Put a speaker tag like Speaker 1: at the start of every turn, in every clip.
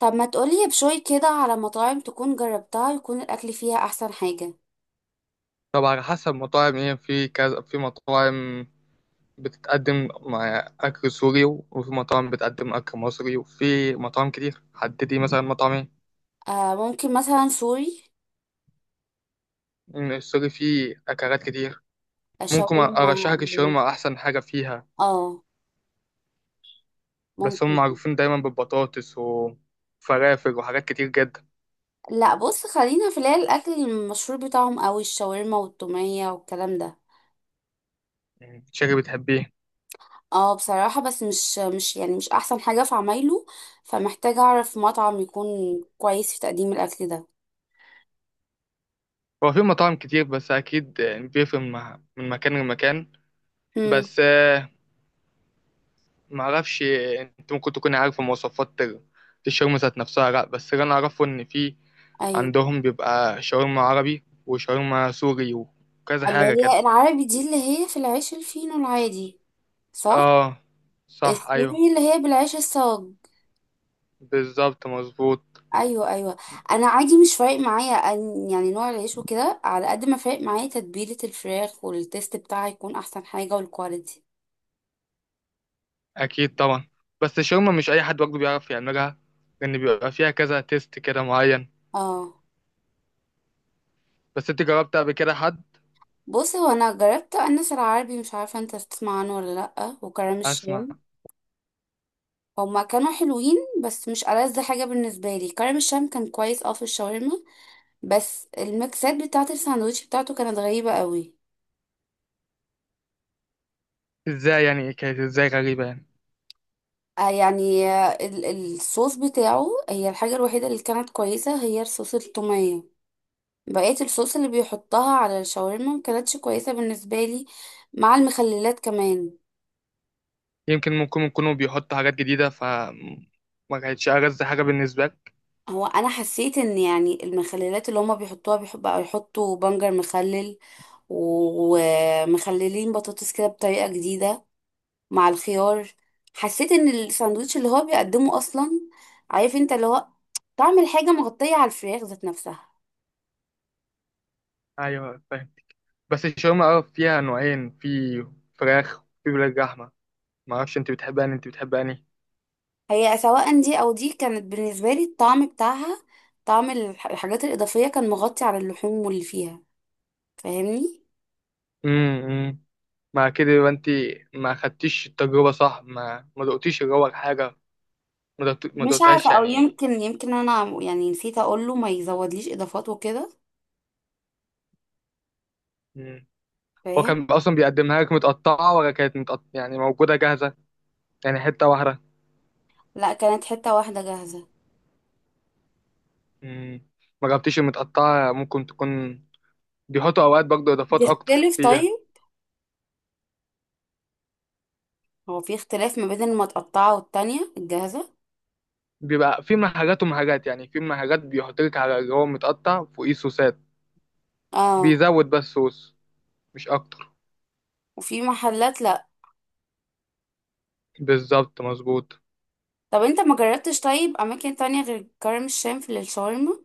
Speaker 1: طب ما تقولي بشوي كده على مطاعم تكون جربتها يكون الأكل فيها أحسن حاجة.
Speaker 2: طب على حسب مطاعم ايه، في كذا، في مطاعم بتتقدم مع أكل سوري، وفي مطاعم بتقدم أكل مصري، وفي مطاعم كتير. حددي مثلا مطاعم ايه.
Speaker 1: آه، ممكن مثلا سوري.
Speaker 2: إن السوري فيه أكلات كتير. ممكن
Speaker 1: الشاورما
Speaker 2: أرشحك
Speaker 1: ال-
Speaker 2: الشاورما أحسن حاجة فيها،
Speaker 1: اه،
Speaker 2: بس هم
Speaker 1: ممكن.
Speaker 2: معروفين دايما بالبطاطس وفرافل وحاجات كتير جدا.
Speaker 1: لا بص، خلينا في اللي هي الأكل المشهور بتاعهم أوي، الشاورما والتومية والكلام ده.
Speaker 2: شكلك بتحبيه.
Speaker 1: اه بصراحة، بس مش يعني مش أحسن حاجة في عمايله، فمحتاجة أعرف مطعم يكون كويس في تقديم الأكل ده.
Speaker 2: هو في مطاعم كتير، بس أكيد بيفرق من مكان لمكان.
Speaker 1: امم
Speaker 2: بس معرفش، انت ممكن تكون عارف مواصفات الشاورما ذات نفسها. لا، بس اللي انا اعرفه ان في
Speaker 1: أيوه،
Speaker 2: عندهم بيبقى شاورما عربي وشاورما سوري وكذا
Speaker 1: اللي
Speaker 2: حاجة كده.
Speaker 1: هي العربي دي اللي هي في العيش الفينو العادي، صح.
Speaker 2: اه، صح ايوه.
Speaker 1: السوري اللي هي بالعيش الصاج.
Speaker 2: بالظبط مظبوط.
Speaker 1: ايوه ايوه، انا عادي مش فارق معايا أن يعني نوع العيش وكده، على قد ما فارق معايا تتبيله الفراخ والتيست بتاعها يكون احسن حاجه والكواليتي.
Speaker 2: اكيد طبعا. بس الشاورما مش اي حد برضه بيعرف يعملها، لان بيبقى فيها كذا تيست كده معين.
Speaker 1: اه
Speaker 2: بس انت جربت قبل كده حد.
Speaker 1: بص، هو انا جربت انس العربي، مش عارفه انت تسمع عنه ولا لا، وكرم
Speaker 2: اسمع.
Speaker 1: الشام. هما كانوا حلوين بس مش ألذ حاجه بالنسبه لي. كرم الشام كان كويس اه في الشاورما، بس الميكسات بتاعه الساندوتش بتاعته كانت غريبه قوي.
Speaker 2: ازاي يعني، كانت ازاي غريبة يعني.
Speaker 1: آه يعني الصوص بتاعه، هي الحاجه الوحيده اللي كانت كويسه هي الصوص التوميه. بقية الصوص اللي بيحطها على الشاورما مكانتش كويسة بالنسبة لي، مع المخللات كمان.
Speaker 2: يمكن ممكن يكونوا بيحطوا حاجات جديدة، فما كانتش ألذ حاجة بالنسبة لك.
Speaker 1: هو انا حسيت ان يعني المخللات اللي هما بيحطوها، بيحب بقى يحطوا بنجر مخلل ومخللين بطاطس كده بطريقة جديدة مع الخيار. حسيت ان الساندوتش اللي هو بيقدمه اصلا، عارف انت اللي هو، طعم الحاجة مغطية على الفراخ ذات نفسها.
Speaker 2: ايوه فاهم. بس الشاورما اه فيها نوعين، في فراخ وفي ولاد لحمة. ما اعرفش انت بتحب انهي، انت بتحب انهي.
Speaker 1: هي سواء دي او دي كانت بالنسبة لي الطعم بتاعها، طعم الحاجات الإضافية كان مغطي على اللحوم واللي فيها. فاهمني.
Speaker 2: امم، مع كده يبقى انت ما خدتيش التجربة صح، ما دقتيش اللي هو الحاجة، ما
Speaker 1: مش عارفة،
Speaker 2: دقتهاش
Speaker 1: او
Speaker 2: يعني.
Speaker 1: يمكن انا يعني نسيت اقول له ما يزودليش اضافات وكده.
Speaker 2: مم. هو
Speaker 1: فاهم.
Speaker 2: كان اصلا بيقدمها لك متقطعة، ولا كانت متقطعة يعني موجودة جاهزة، يعني حتة واحدة.
Speaker 1: لا، كانت حتة واحدة جاهزة.
Speaker 2: مم. ما جبتيش المتقطعة، ممكن تكون بيحطوا اوقات برضه اضافات اكتر
Speaker 1: بتختلف
Speaker 2: فيها.
Speaker 1: طيب؟ هو في اختلاف ما بين المتقطعة والتانية الجاهزة؟
Speaker 2: بيبقى في محلات ومحلات، يعني في محلات بيحط لك على اللي هو متقطع فوقيه صوصات،
Speaker 1: اه.
Speaker 2: بيزود بس صوص مش اكتر.
Speaker 1: وفي محلات لا.
Speaker 2: بالظبط مظبوط.
Speaker 1: طب انت ما جربتش طيب اماكن تانية غير كرم الشام في الشاورما؟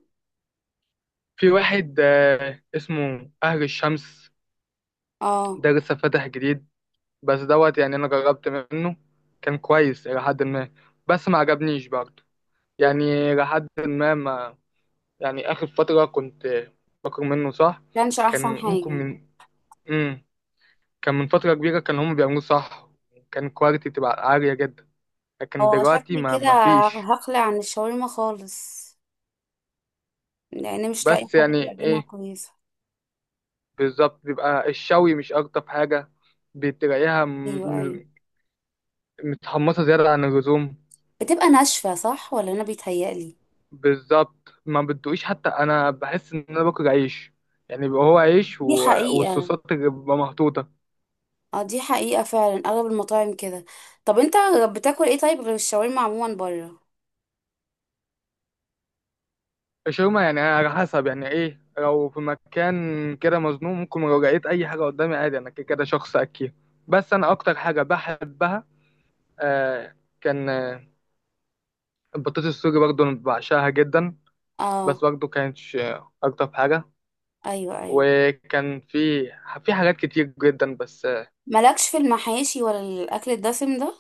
Speaker 2: في واحد اسمه اهل الشمس،
Speaker 1: اه.
Speaker 2: ده لسه فاتح جديد. بس دوت يعني انا جربت منه، كان كويس الى حد ما، بس ما عجبنيش برضه يعني، الى حد ما، ما يعني. اخر فترة كنت باكل منه صح.
Speaker 1: كانش احسن
Speaker 2: كان ممكن
Speaker 1: حاجة.
Speaker 2: من، مم. كان من فترة كبيرة كان هم بيعملوه صح، كان كواليتي تبقى عالية جدا، لكن
Speaker 1: هو
Speaker 2: دلوقتي
Speaker 1: شكلي
Speaker 2: ما
Speaker 1: كده
Speaker 2: ما فيش.
Speaker 1: هقلع عن الشاورما خالص، لان مش لاقي
Speaker 2: بس
Speaker 1: حد
Speaker 2: يعني
Speaker 1: بيقدمها
Speaker 2: ايه،
Speaker 1: كويسة.
Speaker 2: بالظبط بيبقى الشوي مش ألطف حاجة، بتلاقيها
Speaker 1: ايوه ايوه،
Speaker 2: متحمصة زيادة عن اللزوم.
Speaker 1: بتبقى ناشفة صح، ولا انا بيتهيألي؟
Speaker 2: بالظبط، ما بتدوقيش، حتى أنا بحس إن أنا باكل عيش، يعني بيبقى هو عيش و...
Speaker 1: دي حقيقة.
Speaker 2: والصوصات اللي بتبقى محطوطة.
Speaker 1: اه دي حقيقة فعلا، اغلب المطاعم كده. طب انت بتاكل ايه طيب غير الشاورما عموما بره؟
Speaker 2: الشاورما يعني على حسب، يعني إيه، لو في مكان كده مظلوم ممكن لو لقيت أي حاجة قدامي عادي، أنا كده كده شخص أكيد. بس أنا أكتر حاجة بحبها، آه كان البطاطس السوري برضه أنا بعشقها جدا، بس
Speaker 1: اه.
Speaker 2: برضه كانتش أكتر حاجة.
Speaker 1: ايوه ايوه.
Speaker 2: وكان في حاجات كتير جدا بس.
Speaker 1: مالكش في المحاشي ولا الاكل الدسم ده؟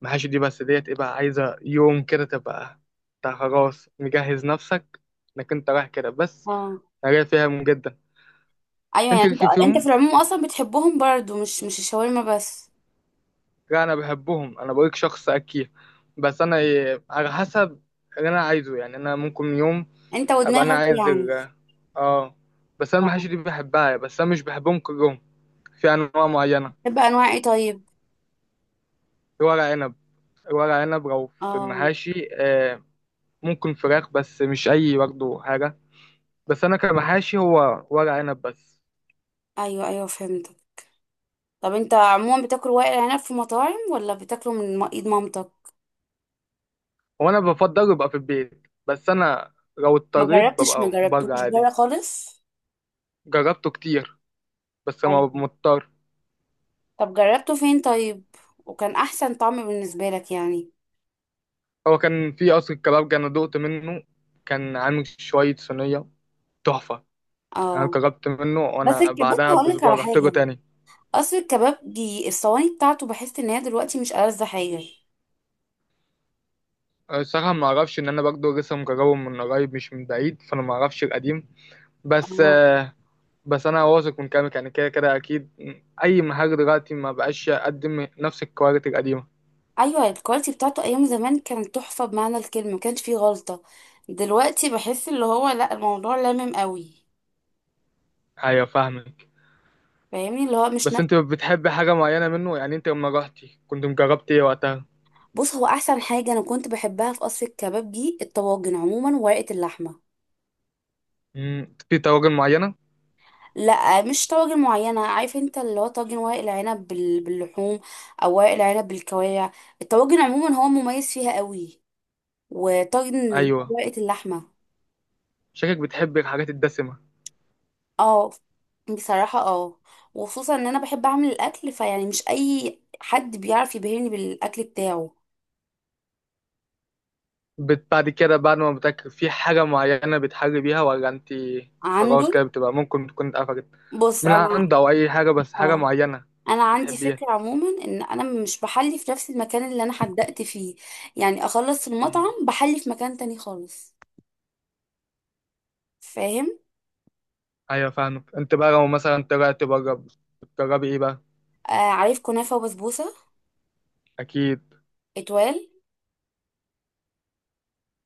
Speaker 2: محاشي دي بس ديت ايه بقى، عايزة يوم كده تبقى انت خلاص مجهز نفسك انك انت رايح كده بس.
Speaker 1: اه.
Speaker 2: انا فيهم جدا.
Speaker 1: ايوه يعني،
Speaker 2: انت
Speaker 1: انت
Speaker 2: ليك
Speaker 1: انت في
Speaker 2: فيهم.
Speaker 1: العموم اصلا بتحبهم برضو، مش الشاورما بس.
Speaker 2: لا انا بحبهم، انا بقولك شخص اكيد، بس انا إيه، على حسب اللي انا عايزه، يعني انا ممكن يوم
Speaker 1: انت
Speaker 2: ابقى انا
Speaker 1: ودماغك
Speaker 2: عايز
Speaker 1: يعني.
Speaker 2: اه. بس انا
Speaker 1: اه.
Speaker 2: المحاشي دي بحبها، بس انا مش بحبهم كلهم، في انواع معينة.
Speaker 1: بتحب انواع ايه طيب؟
Speaker 2: الورق عنب، الورق عنب لو في
Speaker 1: اه.
Speaker 2: المحاشي ممكن فراخ، بس مش اي برضه حاجه، بس انا كمحاشي هو ورق عنب بس.
Speaker 1: ايوه ايوه فهمتك. طب انت عموما بتاكل ورق العنب في مطاعم، ولا بتاكله من ايد مامتك؟
Speaker 2: هو انا بفضل يبقى في البيت، بس انا لو
Speaker 1: ما
Speaker 2: اضطريت
Speaker 1: جربتش، ما
Speaker 2: ببقى بره
Speaker 1: جربتوش
Speaker 2: عادي.
Speaker 1: بره خالص؟
Speaker 2: جربته كتير، بس ما ببقى
Speaker 1: أيوه.
Speaker 2: مضطر.
Speaker 1: طب جربته فين طيب، وكان احسن طعم بالنسبه لك يعني؟
Speaker 2: هو كان في قصر الكبابجي انا دقت منه، كان عامل شويه صينيه تحفه، انا
Speaker 1: اه.
Speaker 2: جربت منه،
Speaker 1: بس
Speaker 2: وانا
Speaker 1: الكباب
Speaker 2: بعدها
Speaker 1: هقول لك
Speaker 2: باسبوع
Speaker 1: على
Speaker 2: رحت له
Speaker 1: حاجه،
Speaker 2: تاني.
Speaker 1: اصل الكباب دي الصواني بتاعته بحس ان هي دلوقتي مش ألذ حاجه.
Speaker 2: الصراحه ما اعرفش، ان انا برضه لسه مجربه من قريب مش من بعيد، فانا ما اعرفش القديم بس.
Speaker 1: اه
Speaker 2: بس انا واثق من كلامك، يعني كده كده اكيد اي مهاجر دلوقتي ما بقاش يقدم نفس الكواليتي القديمه.
Speaker 1: ايوه، الكواليتي بتاعته ايام زمان كانت تحفه بمعنى الكلمه، ما كانش فيه غلطه. دلوقتي بحس اللي هو لا، الموضوع لامم قوي.
Speaker 2: ايوه فاهمك.
Speaker 1: فاهمني اللي هو مش
Speaker 2: بس
Speaker 1: نفس.
Speaker 2: انت بتحب حاجه معينه منه يعني، انت لما رحتي كنت مجربت ايه وقتها.
Speaker 1: بص هو احسن حاجه انا كنت بحبها في قصر الكباب دي الطواجن عموما، وورقه اللحمه.
Speaker 2: مم، في طواجن معينه.
Speaker 1: لا مش طواجن معينة، عارف انت اللي هو طاجن ورق العنب باللحوم، او ورق العنب بالكوارع. الطواجن عموما هو مميز فيها قوي، وطاجن اللي هو
Speaker 2: ايوه،
Speaker 1: ورقة اللحمة.
Speaker 2: شكلك بتحب الحاجات الدسمه.
Speaker 1: اه بصراحة اه، وخصوصا ان انا بحب اعمل الاكل، فيعني مش اي حد بيعرف يبهرني بالاكل بتاعه.
Speaker 2: بعد كده، بعد ما بتاكل في حاجه معينه بتحلي بيها، ولا انت
Speaker 1: عنده.
Speaker 2: خلاص كده بتبقى ممكن تكون اتقفلت
Speaker 1: بص
Speaker 2: من
Speaker 1: انا،
Speaker 2: عند، او اي حاجه بس حاجه
Speaker 1: اه،
Speaker 2: معينه
Speaker 1: انا عندي
Speaker 2: بتحبيها.
Speaker 1: فكرة عموما ان انا مش بحلي في نفس المكان اللي انا حدقت فيه، يعني اخلص
Speaker 2: مم.
Speaker 1: المطعم بحلي في مكان تاني خالص. فاهم.
Speaker 2: ايوه فاهمك. انت بقى لو مثلا طلعت بره بتجربي ايه بقى.
Speaker 1: آه، عارف كنافة وبسبوسة.
Speaker 2: اكيد.
Speaker 1: اتوال.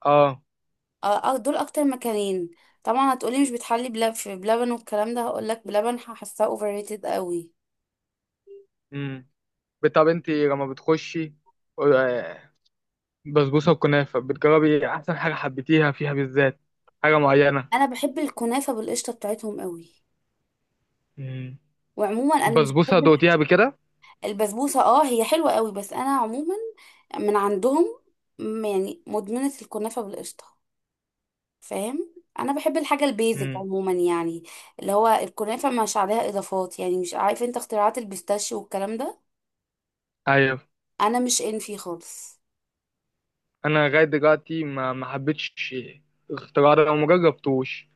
Speaker 2: اه.
Speaker 1: آه. دول اكتر مكانين. طبعا هتقولي مش بتحلي بلب في بلبن والكلام ده، هقولك بلبن هحسها اوفر ريتد قوي.
Speaker 2: امم. طب انت لما بتخشي آه، بسبوسه وكنافه، بتجربي احسن حاجه حبيتيها فيها بالذات، حاجه معينه.
Speaker 1: انا بحب الكنافة بالقشطة بتاعتهم قوي.
Speaker 2: امم.
Speaker 1: وعموما انا مش
Speaker 2: بسبوسه
Speaker 1: بحب
Speaker 2: دوقتيها قبل كده.
Speaker 1: البسبوسة، اه هي حلوة قوي، بس انا عموما من عندهم، يعني مدمنة الكنافة بالقشطة. فاهم، انا بحب الحاجة البيزك
Speaker 2: امم.
Speaker 1: عموما، يعني اللي هو الكنافة مش عليها اضافات، يعني مش عارف انت اختراعات البيستاشيو والكلام ده.
Speaker 2: ايوه.
Speaker 1: انا مش ان فيه خالص.
Speaker 2: انا لغايه دلوقتي ما حبيتش الاختراع ده وما جربتوش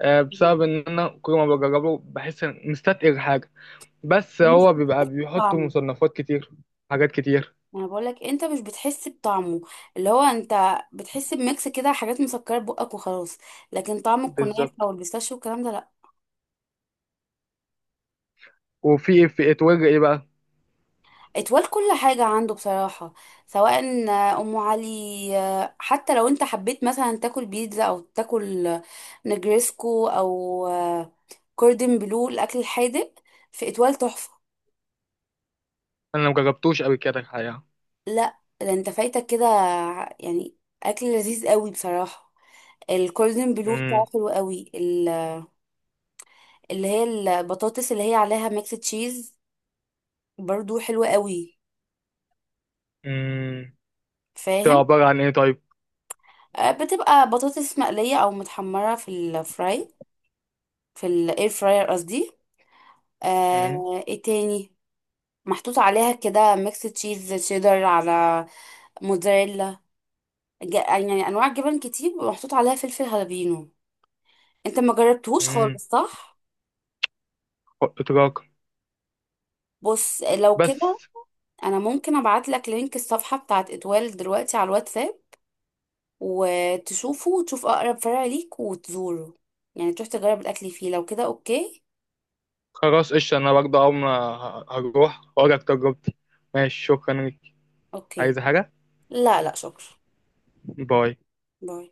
Speaker 2: بسبب ان انا كل ما بجربه بحس ان مستتقل حاجه، بس
Speaker 1: مش
Speaker 2: هو بيبقى بيحطوا
Speaker 1: بطعمه.
Speaker 2: مصنفات كتير، حاجات كتير.
Speaker 1: انا بقول لك انت مش بتحس بطعمه، اللي هو انت بتحس بميكس كده، حاجات مسكره بقك وخلاص. لكن طعم الكنافه
Speaker 2: بالظبط.
Speaker 1: والبيستاشيو والكلام ده لا.
Speaker 2: وفي اتوجه ايه بقى.
Speaker 1: اتوال كل حاجه عنده بصراحه، سواء ام علي، حتى لو انت حبيت مثلا تاكل بيتزا او تاكل نجريسكو او كوردن بلو، الاكل الحادق، في اتوال تحفه.
Speaker 2: انا ما جربتوش قبل كده الحقيقه.
Speaker 1: لا ده انت فايتك كده يعني، اكل لذيذ قوي بصراحه. الكوردن بلو بتاعه حلو قوي، اللي هي البطاطس اللي هي عليها ميكس تشيز، برضو حلوة قوي.
Speaker 2: امم. تبقى
Speaker 1: فاهم.
Speaker 2: عبارة عن إيه طيب؟
Speaker 1: آه، بتبقى بطاطس مقلية او متحمرة في الفراي، في الاير فراير قصدي.
Speaker 2: مم.
Speaker 1: آه ايه تاني، محطوط عليها كده ميكس تشيز شيدر على موتزاريلا، يعني انواع جبن كتير، ومحطوط عليها فلفل هالبينو. انت ما جربتهوش
Speaker 2: مم.
Speaker 1: خالص صح؟
Speaker 2: إدراك
Speaker 1: بص لو كده
Speaker 2: بس.
Speaker 1: انا ممكن ابعت لك لينك الصفحة بتاعت اتوال دلوقتي على الواتساب، وتشوفه وتشوف اقرب فرع ليك وتزوره، يعني تروح تجرب الاكل فيه، لو كده اوكي.
Speaker 2: خلاص قشطة، أنا برضه أول ما هروح وأقولك تجربتي. ماشي شكرا ليك.
Speaker 1: اوكي.
Speaker 2: عايز حاجة؟
Speaker 1: لا لا شكرا.
Speaker 2: باي.
Speaker 1: باي.